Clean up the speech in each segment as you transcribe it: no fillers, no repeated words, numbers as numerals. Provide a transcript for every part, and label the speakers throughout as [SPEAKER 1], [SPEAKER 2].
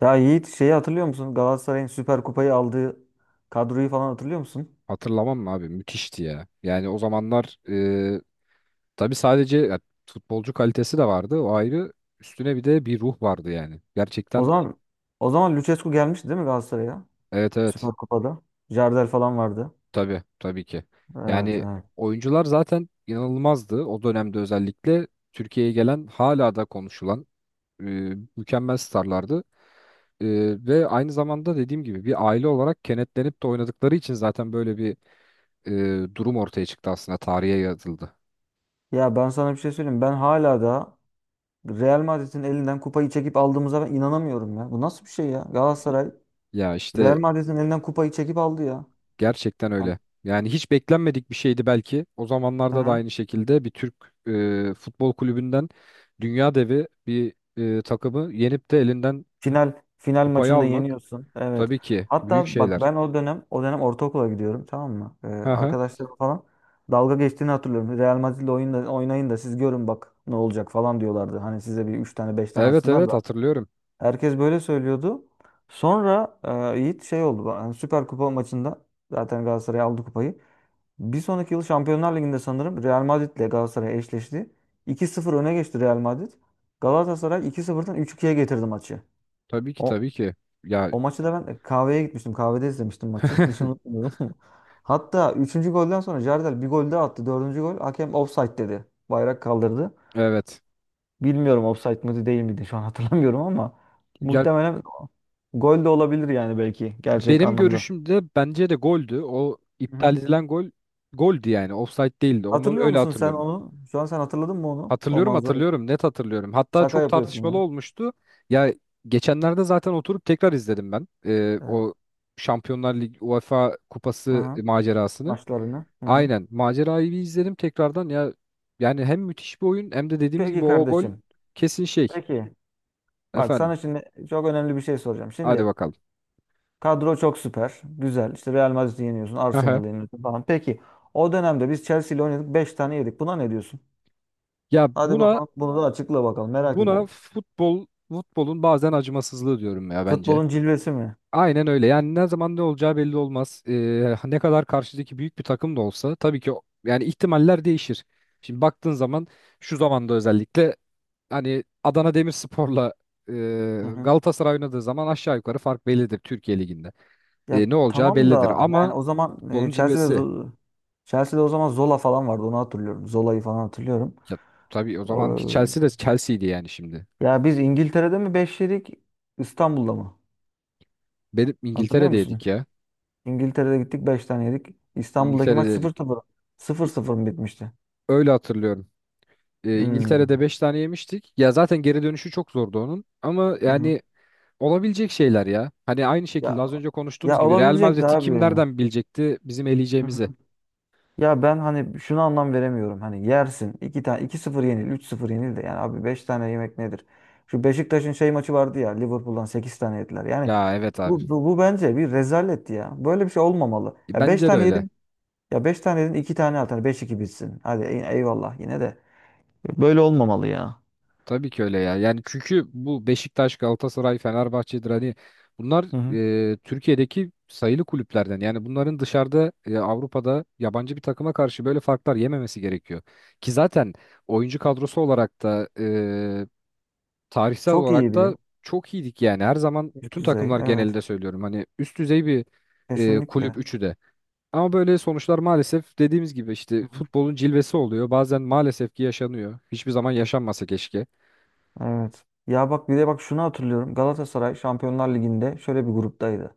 [SPEAKER 1] Ya Yiğit şeyi hatırlıyor musun? Galatasaray'ın Süper Kupayı aldığı kadroyu falan hatırlıyor musun?
[SPEAKER 2] Hatırlamam mı abi? Müthişti ya. Yani o zamanlar tabii sadece ya, futbolcu kalitesi de vardı. O ayrı. Üstüne bir de bir ruh vardı yani.
[SPEAKER 1] O
[SPEAKER 2] Gerçekten
[SPEAKER 1] zaman o zaman Lucescu gelmişti değil mi Galatasaray'a?
[SPEAKER 2] evet evet.
[SPEAKER 1] Süper Kupa'da. Jardel falan vardı.
[SPEAKER 2] Tabii tabii ki.
[SPEAKER 1] Evet,
[SPEAKER 2] Yani
[SPEAKER 1] evet.
[SPEAKER 2] oyuncular zaten inanılmazdı. O dönemde özellikle Türkiye'ye gelen hala da konuşulan e, mükemmel starlardı. E, ve aynı zamanda dediğim gibi bir aile olarak kenetlenip de oynadıkları için zaten böyle bir durum ortaya çıktı aslında. Tarihe yazıldı.
[SPEAKER 1] Ya ben sana bir şey söyleyeyim. Ben hala da Real Madrid'in elinden kupayı çekip aldığımıza ben inanamıyorum ya. Bu nasıl bir şey ya? Galatasaray
[SPEAKER 2] Ya işte.
[SPEAKER 1] Real Madrid'in elinden kupayı çekip aldı ya.
[SPEAKER 2] Gerçekten
[SPEAKER 1] Hani,
[SPEAKER 2] öyle. Yani hiç beklenmedik bir şeydi belki. O
[SPEAKER 1] hı
[SPEAKER 2] zamanlarda da
[SPEAKER 1] hı.
[SPEAKER 2] aynı şekilde bir Türk futbol kulübünden dünya devi bir takımı yenip de elinden
[SPEAKER 1] Final final
[SPEAKER 2] kupayı
[SPEAKER 1] maçında
[SPEAKER 2] almak
[SPEAKER 1] yeniyorsun. Evet.
[SPEAKER 2] tabii ki büyük
[SPEAKER 1] Hatta bak
[SPEAKER 2] şeyler.
[SPEAKER 1] ben o dönem ortaokula gidiyorum, tamam mı? Ee,
[SPEAKER 2] Aha.
[SPEAKER 1] arkadaşlarım falan dalga geçtiğini hatırlıyorum. Real Madrid'le oynayın da siz görün bak ne olacak falan diyorlardı. Hani size bir 3 tane 5 tane
[SPEAKER 2] Evet
[SPEAKER 1] atsınlar
[SPEAKER 2] evet
[SPEAKER 1] da.
[SPEAKER 2] hatırlıyorum.
[SPEAKER 1] Herkes böyle söylüyordu. Sonra Yiğit şey oldu. Yani Süper Kupa maçında zaten Galatasaray aldı kupayı. Bir sonraki yıl Şampiyonlar Ligi'nde sanırım Real Madrid'le Galatasaray eşleşti. 2 sıfır öne geçti Real Madrid. Galatasaray iki sıfırdan 3-2'ye getirdi maçı.
[SPEAKER 2] Tabii ki
[SPEAKER 1] O,
[SPEAKER 2] tabii ki. Ya,
[SPEAKER 1] o maçı da ben kahveye gitmiştim. Kahvede izlemiştim maçı. Hiç unutmuyorum. Hatta üçüncü golden sonra Jardel bir gol daha attı. Dördüncü gol. Hakem offside dedi. Bayrak kaldırdı.
[SPEAKER 2] evet.
[SPEAKER 1] Bilmiyorum offside mıydı değil miydi şu an hatırlamıyorum ama
[SPEAKER 2] Ya
[SPEAKER 1] muhtemelen gol de olabilir yani, belki gerçek
[SPEAKER 2] benim
[SPEAKER 1] anlamda.
[SPEAKER 2] görüşümde bence de goldü. O
[SPEAKER 1] Hı hı.
[SPEAKER 2] iptal edilen gol goldü yani. Offside değildi. Onu
[SPEAKER 1] Hatırlıyor
[SPEAKER 2] öyle
[SPEAKER 1] musun sen
[SPEAKER 2] hatırlıyorum.
[SPEAKER 1] onu? Şu an sen hatırladın mı onu? O
[SPEAKER 2] Hatırlıyorum
[SPEAKER 1] manzarayı.
[SPEAKER 2] hatırlıyorum net hatırlıyorum. Hatta
[SPEAKER 1] Şaka
[SPEAKER 2] çok
[SPEAKER 1] yapıyorsun
[SPEAKER 2] tartışmalı
[SPEAKER 1] ya.
[SPEAKER 2] olmuştu. Ya geçenlerde zaten oturup tekrar izledim ben
[SPEAKER 1] Evet.
[SPEAKER 2] o Şampiyonlar Ligi UEFA
[SPEAKER 1] Hı
[SPEAKER 2] Kupası
[SPEAKER 1] hı.
[SPEAKER 2] macerasını.
[SPEAKER 1] Maçlarını. Hı hı.
[SPEAKER 2] Aynen macerayı bir izledim tekrardan ya, yani hem müthiş bir oyun hem de dediğimiz
[SPEAKER 1] Peki
[SPEAKER 2] gibi o gol
[SPEAKER 1] kardeşim.
[SPEAKER 2] kesin şey.
[SPEAKER 1] Peki. Bak
[SPEAKER 2] Efendim,
[SPEAKER 1] sana şimdi çok önemli bir şey soracağım.
[SPEAKER 2] hadi
[SPEAKER 1] Şimdi
[SPEAKER 2] bakalım.
[SPEAKER 1] kadro çok süper. Güzel. İşte Real Madrid'i yeniyorsun.
[SPEAKER 2] Aha.
[SPEAKER 1] Arsenal'ı yeniyorsun falan. Peki o dönemde biz Chelsea ile oynadık. Beş tane yedik. Buna ne diyorsun?
[SPEAKER 2] Ya
[SPEAKER 1] Hadi
[SPEAKER 2] buna
[SPEAKER 1] bakalım. Bunu da açıkla bakalım. Merak
[SPEAKER 2] buna
[SPEAKER 1] ediyorum.
[SPEAKER 2] futbolun bazen acımasızlığı diyorum ya bence.
[SPEAKER 1] Futbolun cilvesi mi?
[SPEAKER 2] Aynen öyle. Yani ne zaman ne olacağı belli olmaz. Ne kadar karşıdaki büyük bir takım da olsa tabii ki yani ihtimaller değişir. Şimdi baktığın zaman şu zamanda özellikle hani Adana Demirspor'la e,
[SPEAKER 1] Hı hı.
[SPEAKER 2] Galatasaray oynadığı zaman aşağı yukarı fark bellidir Türkiye Ligi'nde.
[SPEAKER 1] Ya
[SPEAKER 2] Ne olacağı
[SPEAKER 1] tamam
[SPEAKER 2] bellidir
[SPEAKER 1] da yani
[SPEAKER 2] ama
[SPEAKER 1] o zaman
[SPEAKER 2] futbolun cilvesi.
[SPEAKER 1] Chelsea'de o zaman Zola falan vardı. Onu hatırlıyorum. Zola'yı falan hatırlıyorum.
[SPEAKER 2] Ya, tabii o zamanki
[SPEAKER 1] O-
[SPEAKER 2] Chelsea de Chelsea'ydi yani şimdi.
[SPEAKER 1] Ya biz İngiltere'de mi 5 yedik? İstanbul'da mı?
[SPEAKER 2] Benim
[SPEAKER 1] Hatırlıyor musun?
[SPEAKER 2] İngiltere'deydik ya.
[SPEAKER 1] İngiltere'de gittik 5 tane yedik. İstanbul'daki maç sıfır
[SPEAKER 2] İngiltere'deydik.
[SPEAKER 1] 0 sıfır
[SPEAKER 2] E,
[SPEAKER 1] sıfır mı bitmişti?
[SPEAKER 2] Öyle hatırlıyorum.
[SPEAKER 1] Hmm.
[SPEAKER 2] İngiltere'de 5 tane yemiştik. Ya zaten geri dönüşü çok zordu onun. Ama
[SPEAKER 1] Hı hı.
[SPEAKER 2] yani olabilecek şeyler ya. Hani aynı şekilde
[SPEAKER 1] Ya
[SPEAKER 2] az önce
[SPEAKER 1] ya
[SPEAKER 2] konuştuğumuz gibi Real
[SPEAKER 1] olabilecekti
[SPEAKER 2] Madrid'i
[SPEAKER 1] abi
[SPEAKER 2] kim
[SPEAKER 1] ya.
[SPEAKER 2] nereden bilecekti bizim
[SPEAKER 1] Hı
[SPEAKER 2] eleyeceğimizi?
[SPEAKER 1] hı. Ya ben hani şunu anlam veremiyorum. Hani yersin. İki tane iki sıfır yenil, üç sıfır yenil de yani abi 5 tane yemek nedir? Şu Beşiktaş'ın şey maçı vardı ya, Liverpool'dan 8 tane yediler. Yani
[SPEAKER 2] Ya evet abi.
[SPEAKER 1] bu bence bir rezaletti ya. Böyle bir şey olmamalı. Ya 5
[SPEAKER 2] Bence de
[SPEAKER 1] tane
[SPEAKER 2] öyle.
[SPEAKER 1] yedin. Ya beş tane yedin iki tane at. Hani 5 2 bitsin. Hadi eyvallah yine de. Böyle olmamalı ya.
[SPEAKER 2] Tabii ki öyle ya. Yani çünkü bu Beşiktaş, Galatasaray, Fenerbahçe'dir hani, bunlar
[SPEAKER 1] Hı hı.
[SPEAKER 2] Türkiye'deki sayılı kulüplerden. Yani bunların dışarıda, Avrupa'da yabancı bir takıma karşı böyle farklar yememesi gerekiyor. Ki zaten oyuncu kadrosu olarak da tarihsel
[SPEAKER 1] Çok
[SPEAKER 2] olarak
[SPEAKER 1] iyiydi.
[SPEAKER 2] da çok iyiydik yani. Her zaman
[SPEAKER 1] Üst
[SPEAKER 2] bütün
[SPEAKER 1] düzey.
[SPEAKER 2] takımlar
[SPEAKER 1] Evet.
[SPEAKER 2] genelinde söylüyorum. Hani üst düzey bir kulüp
[SPEAKER 1] Kesinlikle.
[SPEAKER 2] üçü de. Ama böyle sonuçlar maalesef dediğimiz gibi işte futbolun cilvesi oluyor. Bazen maalesef ki yaşanıyor. Hiçbir zaman yaşanmasa keşke.
[SPEAKER 1] Evet. Ya bak, bir de bak şunu hatırlıyorum. Galatasaray Şampiyonlar Ligi'nde şöyle bir gruptaydı.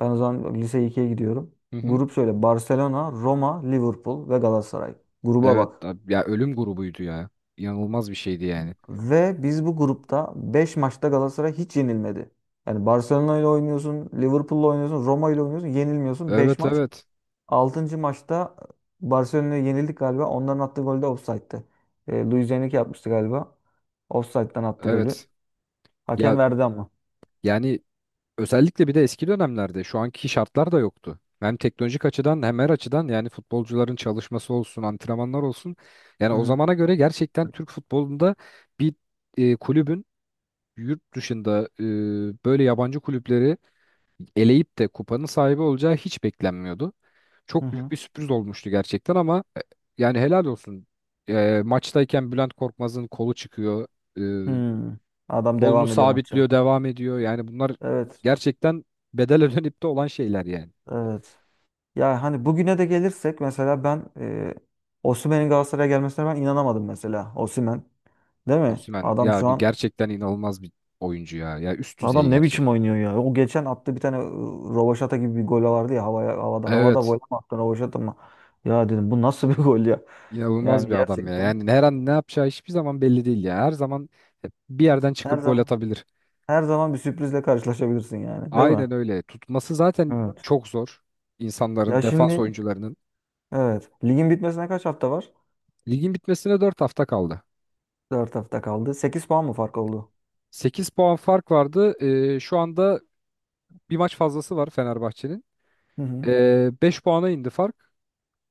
[SPEAKER 1] Ben o zaman lise 2'ye gidiyorum.
[SPEAKER 2] Hı hı.
[SPEAKER 1] Grup şöyle: Barcelona, Roma, Liverpool ve Galatasaray. Gruba
[SPEAKER 2] Evet
[SPEAKER 1] bak.
[SPEAKER 2] ya, ölüm grubuydu ya. İnanılmaz bir şeydi yani.
[SPEAKER 1] Ve biz bu grupta 5 maçta Galatasaray hiç yenilmedi. Yani Barcelona ile oynuyorsun, Liverpool'la oynuyorsun, Roma ile oynuyorsun, yenilmiyorsun. 5
[SPEAKER 2] Evet
[SPEAKER 1] maç.
[SPEAKER 2] evet.
[SPEAKER 1] Altıncı maçta Barcelona'ya yenildik galiba. Onların attığı gol de offside'tı. Luis Enrique yapmıştı galiba. Offside'dan attı golü.
[SPEAKER 2] Evet.
[SPEAKER 1] Hakem
[SPEAKER 2] Ya
[SPEAKER 1] verdi ama.
[SPEAKER 2] yani özellikle bir de eski dönemlerde şu anki şartlar da yoktu. Hem teknolojik açıdan hem her açıdan, yani futbolcuların çalışması olsun, antrenmanlar olsun. Yani
[SPEAKER 1] Hı
[SPEAKER 2] o
[SPEAKER 1] hı.
[SPEAKER 2] zamana göre gerçekten Türk futbolunda bir kulübün yurt dışında böyle yabancı kulüpleri eleyip de kupanın sahibi olacağı hiç beklenmiyordu.
[SPEAKER 1] Hı
[SPEAKER 2] Çok
[SPEAKER 1] hı.
[SPEAKER 2] büyük bir sürpriz olmuştu gerçekten ama, yani helal olsun. Maçtayken Bülent Korkmaz'ın kolu çıkıyor. E,
[SPEAKER 1] Hmm. Adam
[SPEAKER 2] Kolunu
[SPEAKER 1] devam ediyor maça.
[SPEAKER 2] sabitliyor, devam ediyor. Yani bunlar
[SPEAKER 1] Evet.
[SPEAKER 2] gerçekten bedel ödenip de olan şeyler yani.
[SPEAKER 1] Evet. Ya hani bugüne de gelirsek, mesela ben Osimhen'in Galatasaray'a gelmesine ben inanamadım mesela. Osimhen. Değil mi?
[SPEAKER 2] Osimhen
[SPEAKER 1] Adam
[SPEAKER 2] ya,
[SPEAKER 1] şu
[SPEAKER 2] bir
[SPEAKER 1] an
[SPEAKER 2] gerçekten inanılmaz bir oyuncu ya. Ya üst düzey
[SPEAKER 1] adam ne
[SPEAKER 2] gerçek.
[SPEAKER 1] biçim oynuyor ya. O geçen attı bir tane rövaşata gibi bir gol vardı ya, havaya havada havada gol
[SPEAKER 2] Evet.
[SPEAKER 1] mü attı rövaşata mı? Ya dedim bu nasıl bir gol ya?
[SPEAKER 2] inanılmaz
[SPEAKER 1] Yani
[SPEAKER 2] bir adam ya.
[SPEAKER 1] gerçekten
[SPEAKER 2] Yani her an ne yapacağı hiçbir zaman belli değil ya. Her zaman bir yerden
[SPEAKER 1] her
[SPEAKER 2] çıkıp gol
[SPEAKER 1] zaman,
[SPEAKER 2] atabilir.
[SPEAKER 1] her zaman bir sürprizle karşılaşabilirsin yani, değil mi?
[SPEAKER 2] Aynen öyle. Tutması zaten
[SPEAKER 1] Evet.
[SPEAKER 2] çok zor. İnsanların,
[SPEAKER 1] Ya
[SPEAKER 2] defans
[SPEAKER 1] şimdi,
[SPEAKER 2] oyuncularının.
[SPEAKER 1] evet. Ligin bitmesine kaç hafta var?
[SPEAKER 2] Ligin bitmesine 4 hafta kaldı.
[SPEAKER 1] 4 hafta kaldı. 8 puan mı fark oldu?
[SPEAKER 2] 8 puan fark vardı. Şu anda bir maç fazlası var Fenerbahçe'nin.
[SPEAKER 1] Hı hı.
[SPEAKER 2] 5 puana indi fark.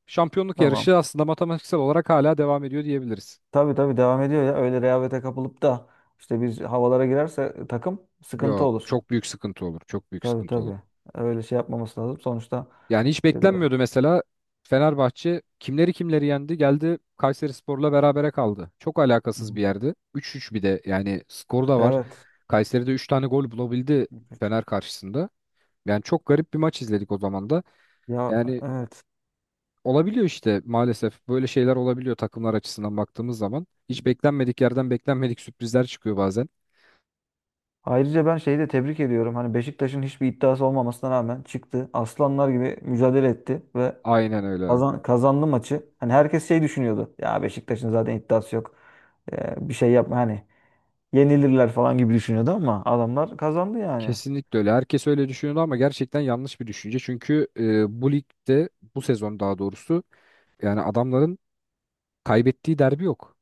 [SPEAKER 2] Şampiyonluk
[SPEAKER 1] Tamam.
[SPEAKER 2] yarışı aslında matematiksel olarak hala devam ediyor diyebiliriz.
[SPEAKER 1] Tabii tabii devam ediyor ya. Öyle rehavete kapılıp da işte biz havalara girerse takım sıkıntı
[SPEAKER 2] Yok,
[SPEAKER 1] olur.
[SPEAKER 2] çok büyük sıkıntı olur. Çok büyük
[SPEAKER 1] Tabii
[SPEAKER 2] sıkıntı olur.
[SPEAKER 1] tabii. Öyle şey yapmaması lazım. Sonuçta
[SPEAKER 2] Yani hiç
[SPEAKER 1] e, Hı
[SPEAKER 2] beklenmiyordu mesela Fenerbahçe kimleri kimleri yendi, geldi Kayserispor'la berabere kaldı. Çok alakasız bir
[SPEAKER 1] hı.
[SPEAKER 2] yerde. 3-3 bir de yani skor da var.
[SPEAKER 1] Evet.
[SPEAKER 2] Kayseri'de 3 tane gol bulabildi Fener karşısında. Yani çok garip bir maç izledik o zaman da.
[SPEAKER 1] Ya
[SPEAKER 2] Yani
[SPEAKER 1] evet.
[SPEAKER 2] olabiliyor işte, maalesef böyle şeyler olabiliyor takımlar açısından baktığımız zaman. Hiç beklenmedik yerden beklenmedik sürprizler çıkıyor bazen.
[SPEAKER 1] Ayrıca ben şeyi de tebrik ediyorum. Hani Beşiktaş'ın hiçbir iddiası olmamasına rağmen çıktı. Aslanlar gibi mücadele etti ve
[SPEAKER 2] Aynen öyle.
[SPEAKER 1] kazandı maçı. Hani herkes şey düşünüyordu. Ya Beşiktaş'ın zaten iddiası yok. Bir şey yapma hani. Yenilirler falan gibi düşünüyordu ama adamlar kazandı yani.
[SPEAKER 2] Kesinlikle öyle. Herkes öyle düşünüyordu ama gerçekten yanlış bir düşünce. Çünkü bu ligde, bu sezon daha doğrusu, yani adamların kaybettiği derbi yok.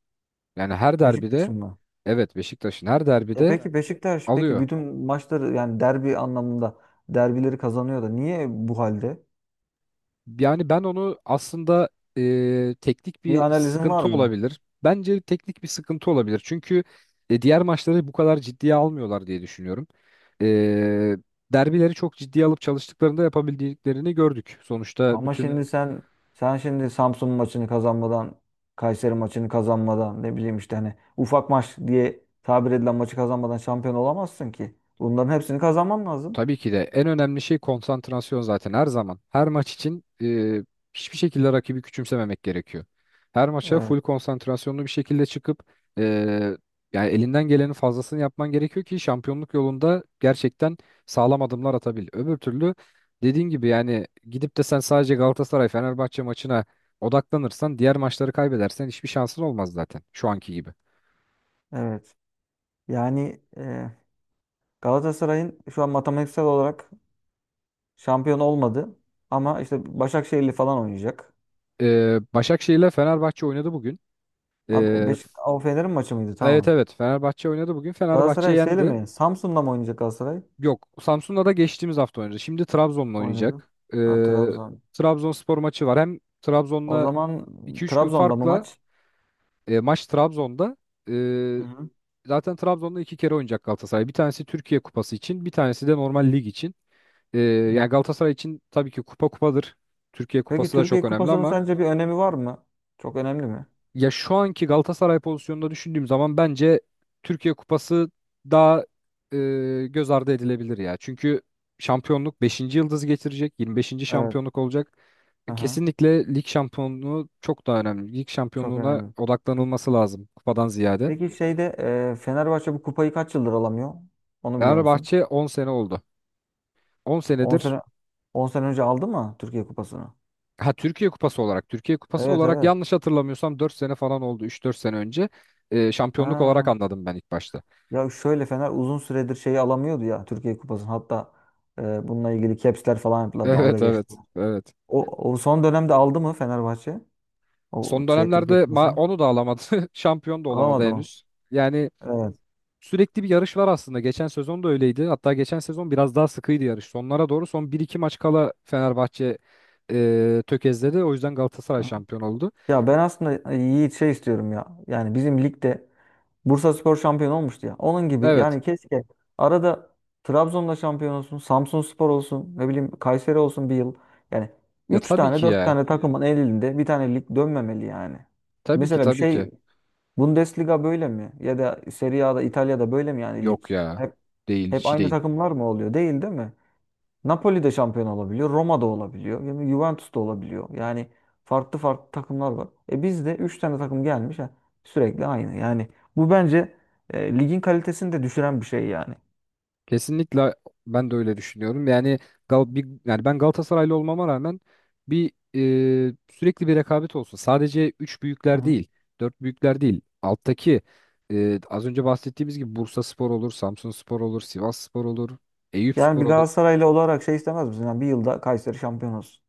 [SPEAKER 2] Yani her derbide,
[SPEAKER 1] Beşiktaş'ın mı?
[SPEAKER 2] evet, Beşiktaş'ın her
[SPEAKER 1] Tabii.
[SPEAKER 2] derbide
[SPEAKER 1] Peki
[SPEAKER 2] alıyor.
[SPEAKER 1] bütün maçları, yani derbi anlamında derbileri kazanıyor da niye bu halde?
[SPEAKER 2] Yani ben onu aslında, teknik
[SPEAKER 1] Bir
[SPEAKER 2] bir
[SPEAKER 1] analizin var
[SPEAKER 2] sıkıntı
[SPEAKER 1] mı?
[SPEAKER 2] olabilir. Bence teknik bir sıkıntı olabilir. Çünkü diğer maçları bu kadar ciddiye almıyorlar diye düşünüyorum. E, derbileri çok ciddiye alıp çalıştıklarında yapabildiklerini gördük. Sonuçta
[SPEAKER 1] Ama
[SPEAKER 2] bütün.
[SPEAKER 1] şimdi sen şimdi Samsun maçını kazanmadan, Kayseri maçını kazanmadan, ne bileyim işte hani ufak maç diye tabir edilen maçı kazanmadan şampiyon olamazsın ki. Bunların hepsini kazanman lazım.
[SPEAKER 2] Tabii ki de en önemli şey konsantrasyon zaten her zaman. Her maç için hiçbir şekilde rakibi küçümsememek gerekiyor. Her maça
[SPEAKER 1] Evet.
[SPEAKER 2] full konsantrasyonlu bir şekilde çıkıp e, yani elinden gelenin fazlasını yapman gerekiyor ki şampiyonluk yolunda gerçekten sağlam adımlar atabil. Öbür türlü dediğin gibi yani gidip de sen sadece Galatasaray Fenerbahçe maçına odaklanırsan, diğer maçları kaybedersen hiçbir şansın olmaz zaten şu anki gibi.
[SPEAKER 1] Evet. Yani Galatasaray'ın şu an matematiksel olarak şampiyon olmadı. Ama işte Başakşehir'li falan oynayacak.
[SPEAKER 2] Başakşehir ile Fenerbahçe oynadı bugün.
[SPEAKER 1] Abi o,
[SPEAKER 2] E,
[SPEAKER 1] Beş o Fener'in maçı mıydı?
[SPEAKER 2] Evet
[SPEAKER 1] Tamam.
[SPEAKER 2] evet, Fenerbahçe oynadı bugün. Fenerbahçe
[SPEAKER 1] Galatasaray şeyle
[SPEAKER 2] yendi.
[SPEAKER 1] mi? Samsun'da mı oynayacak Galatasaray?
[SPEAKER 2] Yok, Samsun'la da geçtiğimiz hafta oynadı. Şimdi Trabzon'la
[SPEAKER 1] Oynadı.
[SPEAKER 2] oynayacak.
[SPEAKER 1] Ha, Trabzon.
[SPEAKER 2] Trabzonspor maçı var. Hem
[SPEAKER 1] O
[SPEAKER 2] Trabzon'la
[SPEAKER 1] zaman
[SPEAKER 2] iki üç gün
[SPEAKER 1] Trabzon'da mı
[SPEAKER 2] farkla,
[SPEAKER 1] maç?
[SPEAKER 2] maç Trabzon'da.
[SPEAKER 1] Hı
[SPEAKER 2] Ee,
[SPEAKER 1] hı.
[SPEAKER 2] zaten Trabzon'da iki kere oynayacak Galatasaray. Bir tanesi Türkiye Kupası için, bir tanesi de normal lig için. Ee,
[SPEAKER 1] Hı.
[SPEAKER 2] yani Galatasaray için tabii ki kupa kupadır. Türkiye
[SPEAKER 1] Peki
[SPEAKER 2] Kupası da
[SPEAKER 1] Türkiye
[SPEAKER 2] çok önemli
[SPEAKER 1] Kupası'nın
[SPEAKER 2] ama.
[SPEAKER 1] sence bir önemi var mı? Çok önemli mi?
[SPEAKER 2] Ya şu anki Galatasaray pozisyonunda düşündüğüm zaman bence Türkiye Kupası daha göz ardı edilebilir ya. Çünkü şampiyonluk 5. yıldız getirecek, yirmi beşinci
[SPEAKER 1] Evet.
[SPEAKER 2] şampiyonluk olacak.
[SPEAKER 1] Aha,
[SPEAKER 2] Kesinlikle lig şampiyonluğu çok daha önemli. Lig
[SPEAKER 1] çok
[SPEAKER 2] şampiyonluğuna
[SPEAKER 1] önemli.
[SPEAKER 2] odaklanılması lazım kupadan ziyade.
[SPEAKER 1] Peki şeyde Fenerbahçe bu kupayı kaç yıldır alamıyor? Onu biliyor musun?
[SPEAKER 2] Fenerbahçe 10 sene oldu. On
[SPEAKER 1] 10
[SPEAKER 2] senedir
[SPEAKER 1] sene 10 sene önce aldı mı Türkiye Kupası'nı?
[SPEAKER 2] ha, Türkiye Kupası olarak, Türkiye Kupası
[SPEAKER 1] Evet,
[SPEAKER 2] olarak
[SPEAKER 1] evet.
[SPEAKER 2] yanlış hatırlamıyorsam 4 sene falan oldu, üç dört sene önce. Şampiyonluk olarak
[SPEAKER 1] Ha.
[SPEAKER 2] anladım ben ilk başta.
[SPEAKER 1] Ya şöyle, Fener uzun süredir şeyi alamıyordu ya, Türkiye Kupası'nı. Hatta bununla ilgili caps'ler falan yaptılar. Dalga
[SPEAKER 2] Evet,
[SPEAKER 1] geçtiler.
[SPEAKER 2] evet, evet.
[SPEAKER 1] O son dönemde aldı mı Fenerbahçe? O
[SPEAKER 2] Son
[SPEAKER 1] şey
[SPEAKER 2] dönemlerde
[SPEAKER 1] Türkiye Kupası'nı.
[SPEAKER 2] onu da alamadı. Şampiyon da olamadı
[SPEAKER 1] Alamadı mı?
[SPEAKER 2] henüz. Yani
[SPEAKER 1] Evet.
[SPEAKER 2] sürekli bir yarış var aslında. Geçen sezon da öyleydi. Hatta geçen sezon biraz daha sıkıydı yarış. Sonlara doğru, son bir iki maç kala Fenerbahçe tökezledi. O yüzden
[SPEAKER 1] Hı.
[SPEAKER 2] Galatasaray şampiyon oldu.
[SPEAKER 1] Ya ben aslında Yiğit şey istiyorum ya. Yani bizim ligde Bursaspor şampiyon olmuştu ya. Onun gibi
[SPEAKER 2] Evet.
[SPEAKER 1] yani, keşke arada Trabzon'da şampiyon olsun, Samsunspor olsun, ne bileyim Kayseri olsun bir yıl. Yani
[SPEAKER 2] Ya
[SPEAKER 1] üç
[SPEAKER 2] tabii
[SPEAKER 1] tane
[SPEAKER 2] ki
[SPEAKER 1] 4
[SPEAKER 2] ya.
[SPEAKER 1] tane takımın elinde bir tane lig dönmemeli yani.
[SPEAKER 2] Tabii ki
[SPEAKER 1] Mesela bir
[SPEAKER 2] tabii ki.
[SPEAKER 1] şey, Bundesliga böyle mi? Ya da Serie A'da, İtalya'da böyle mi yani lig?
[SPEAKER 2] Yok ya.
[SPEAKER 1] Hep
[SPEAKER 2] Değil,
[SPEAKER 1] hep
[SPEAKER 2] hiç
[SPEAKER 1] aynı
[SPEAKER 2] değil.
[SPEAKER 1] takımlar mı oluyor? Değil, değil mi? Napoli de şampiyon olabiliyor, Roma da olabiliyor, yani Juventus da olabiliyor. Yani farklı farklı takımlar var. E bizde 3 tane takım gelmiş ha, sürekli aynı. Yani bu bence ligin kalitesini de düşüren bir şey yani.
[SPEAKER 2] Kesinlikle ben de öyle düşünüyorum. Yani yani ben Galatasaraylı olmama rağmen bir, sürekli bir rekabet olsun. Sadece üç
[SPEAKER 1] Hı
[SPEAKER 2] büyükler
[SPEAKER 1] hı.
[SPEAKER 2] değil, dört büyükler değil. Alttaki az önce bahsettiğimiz gibi Bursaspor olur, Samsunspor olur, Sivasspor olur,
[SPEAKER 1] Yani bir
[SPEAKER 2] Eyüpspor olur.
[SPEAKER 1] Galatasaraylı olarak şey istemez misin? Yani bir yılda Kayseri şampiyon olsun.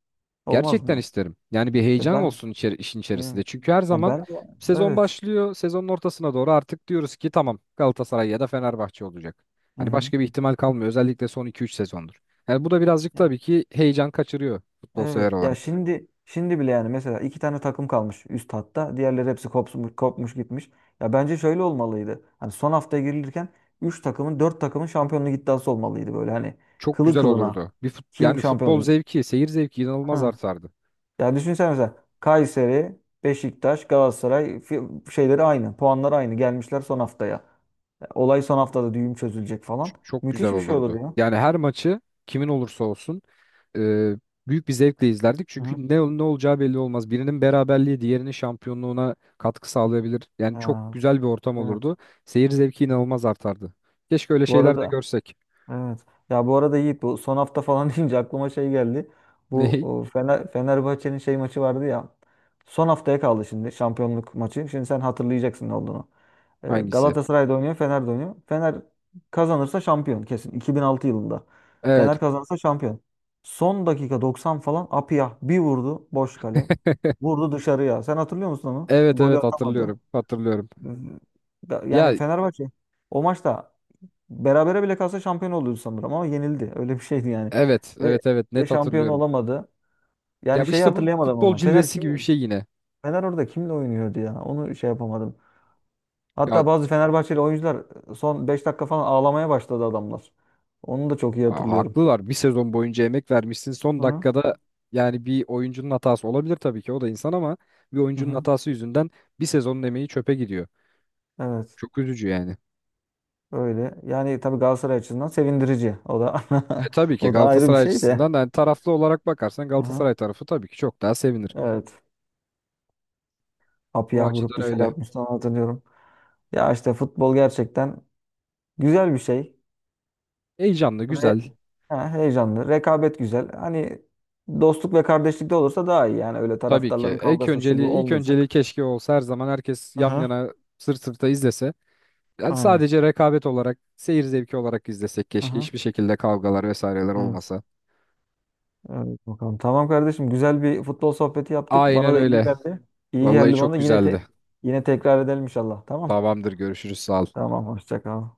[SPEAKER 1] Olmaz mı
[SPEAKER 2] Gerçekten isterim. Yani bir
[SPEAKER 1] yani? E
[SPEAKER 2] heyecan
[SPEAKER 1] ben
[SPEAKER 2] olsun işin
[SPEAKER 1] yani,
[SPEAKER 2] içerisinde. Çünkü her
[SPEAKER 1] yani
[SPEAKER 2] zaman
[SPEAKER 1] ben
[SPEAKER 2] sezon
[SPEAKER 1] evet.
[SPEAKER 2] başlıyor. Sezonun ortasına doğru artık diyoruz ki tamam, Galatasaray ya da Fenerbahçe olacak.
[SPEAKER 1] Hı
[SPEAKER 2] Hani
[SPEAKER 1] hı.
[SPEAKER 2] başka bir ihtimal kalmıyor. Özellikle son iki üç sezondur. Yani bu da birazcık tabii ki heyecan kaçırıyor futbol sever
[SPEAKER 1] Evet. Ya
[SPEAKER 2] olarak.
[SPEAKER 1] şimdi bile yani, mesela iki tane takım kalmış üst hatta. Diğerleri hepsi kopmuş, kopmuş gitmiş. Ya bence şöyle olmalıydı. Hani son hafta girilirken üç takımın, dört takımın şampiyonluk iddiası olmalıydı, böyle hani
[SPEAKER 2] Çok
[SPEAKER 1] kılı
[SPEAKER 2] güzel
[SPEAKER 1] kılına.
[SPEAKER 2] olurdu. Bir
[SPEAKER 1] Kim
[SPEAKER 2] yani
[SPEAKER 1] şampiyon
[SPEAKER 2] futbol
[SPEAKER 1] olacak?
[SPEAKER 2] zevki, seyir zevki inanılmaz
[SPEAKER 1] Ha.
[SPEAKER 2] artardı.
[SPEAKER 1] Ya düşünsene, mesela Kayseri, Beşiktaş, Galatasaray şeyleri aynı. Puanlar aynı. Gelmişler son haftaya. Ya olay son haftada düğüm çözülecek falan.
[SPEAKER 2] Çok güzel
[SPEAKER 1] Müthiş bir şey olur
[SPEAKER 2] olurdu.
[SPEAKER 1] ya.
[SPEAKER 2] Yani her maçı, kimin olursa olsun, e, büyük bir zevkle izlerdik.
[SPEAKER 1] Hı hı.
[SPEAKER 2] Çünkü ne olacağı belli olmaz. Birinin beraberliği diğerinin şampiyonluğuna katkı sağlayabilir. Yani çok
[SPEAKER 1] Ha,
[SPEAKER 2] güzel bir ortam
[SPEAKER 1] evet.
[SPEAKER 2] olurdu. Seyir zevki inanılmaz artardı. Keşke öyle
[SPEAKER 1] Bu
[SPEAKER 2] şeyler de
[SPEAKER 1] arada.
[SPEAKER 2] görsek.
[SPEAKER 1] Evet. Ya bu arada Yiğit, bu son hafta falan deyince aklıma şey geldi. Bu
[SPEAKER 2] Ney?
[SPEAKER 1] Fenerbahçe'nin şey maçı vardı ya. Son haftaya kaldı şimdi şampiyonluk maçı. Şimdi sen hatırlayacaksın ne olduğunu.
[SPEAKER 2] Hangisi?
[SPEAKER 1] Galatasaray'da oynuyor, Fener'de oynuyor. Fener kazanırsa şampiyon kesin. 2006 yılında. Fener
[SPEAKER 2] Evet.
[SPEAKER 1] kazanırsa şampiyon. Son dakika 90 falan, Apiyah bir vurdu boş kale. Vurdu dışarıya. Sen hatırlıyor musun onu?
[SPEAKER 2] Evet
[SPEAKER 1] Golü
[SPEAKER 2] evet
[SPEAKER 1] atamadı.
[SPEAKER 2] hatırlıyorum. Hatırlıyorum.
[SPEAKER 1] Yani
[SPEAKER 2] Ya
[SPEAKER 1] Fenerbahçe o maçta berabere bile kalsa şampiyon oluyordu sanırım ama yenildi. Öyle bir şeydi yani.
[SPEAKER 2] evet
[SPEAKER 1] Ve
[SPEAKER 2] evet evet,
[SPEAKER 1] ve
[SPEAKER 2] net
[SPEAKER 1] şampiyon
[SPEAKER 2] hatırlıyorum.
[SPEAKER 1] olamadı. Yani
[SPEAKER 2] Ya bu
[SPEAKER 1] şeyi
[SPEAKER 2] işte bu
[SPEAKER 1] hatırlayamadım
[SPEAKER 2] futbol
[SPEAKER 1] ama
[SPEAKER 2] cilvesi gibi bir şey yine.
[SPEAKER 1] Fener orada kimle oynuyordu ya? Onu şey yapamadım.
[SPEAKER 2] Ya
[SPEAKER 1] Hatta bazı Fenerbahçeli oyuncular son 5 dakika falan ağlamaya başladı adamlar. Onu da çok iyi hatırlıyorum.
[SPEAKER 2] Haklılar. Bir sezon boyunca emek vermişsin.
[SPEAKER 1] Hı
[SPEAKER 2] Son
[SPEAKER 1] hı.
[SPEAKER 2] dakikada yani bir oyuncunun hatası olabilir tabii ki. O da insan ama bir
[SPEAKER 1] Hı
[SPEAKER 2] oyuncunun
[SPEAKER 1] hı.
[SPEAKER 2] hatası yüzünden bir sezonun emeği çöpe gidiyor.
[SPEAKER 1] Evet.
[SPEAKER 2] Çok üzücü yani.
[SPEAKER 1] Öyle. Yani tabii Galatasaray açısından sevindirici. O da
[SPEAKER 2] Tabii ki
[SPEAKER 1] o da ayrı bir
[SPEAKER 2] Galatasaray
[SPEAKER 1] şey de.
[SPEAKER 2] açısından, yani taraflı olarak bakarsan
[SPEAKER 1] Hı hı.
[SPEAKER 2] Galatasaray tarafı tabii ki çok daha sevinir.
[SPEAKER 1] Evet.
[SPEAKER 2] O
[SPEAKER 1] Papiyah vurup
[SPEAKER 2] açıdan
[SPEAKER 1] dışarı
[SPEAKER 2] öyle.
[SPEAKER 1] atmıştı, onu hatırlıyorum. Ya işte futbol gerçekten güzel bir şey.
[SPEAKER 2] Heyecanlı, güzel.
[SPEAKER 1] Ha, heyecanlı. Rekabet güzel. Hani dostluk ve kardeşlikte olursa daha iyi. Yani öyle
[SPEAKER 2] Tabii
[SPEAKER 1] taraftarların
[SPEAKER 2] ki. İlk
[SPEAKER 1] kavgası şu bu
[SPEAKER 2] önceliği, ilk önceliği
[SPEAKER 1] olmayacak.
[SPEAKER 2] keşke olsa her zaman, herkes yan
[SPEAKER 1] Aha.
[SPEAKER 2] yana, sırt sırta izlese. Yani
[SPEAKER 1] Aynen.
[SPEAKER 2] sadece rekabet olarak, seyir zevki olarak izlesek keşke.
[SPEAKER 1] Aha.
[SPEAKER 2] Hiçbir şekilde kavgalar vesaireler
[SPEAKER 1] Evet.
[SPEAKER 2] olmasa.
[SPEAKER 1] Evet bakalım. Tamam kardeşim. Güzel bir futbol sohbeti yaptık. Bana
[SPEAKER 2] Aynen
[SPEAKER 1] da iyi
[SPEAKER 2] öyle.
[SPEAKER 1] geldi. İyi
[SPEAKER 2] Vallahi
[SPEAKER 1] geldi
[SPEAKER 2] çok
[SPEAKER 1] bana. Yine
[SPEAKER 2] güzeldi.
[SPEAKER 1] yine tekrar edelim inşallah. Tamam.
[SPEAKER 2] Tamamdır, görüşürüz, sağ ol.
[SPEAKER 1] Tamam. Hoşça kal.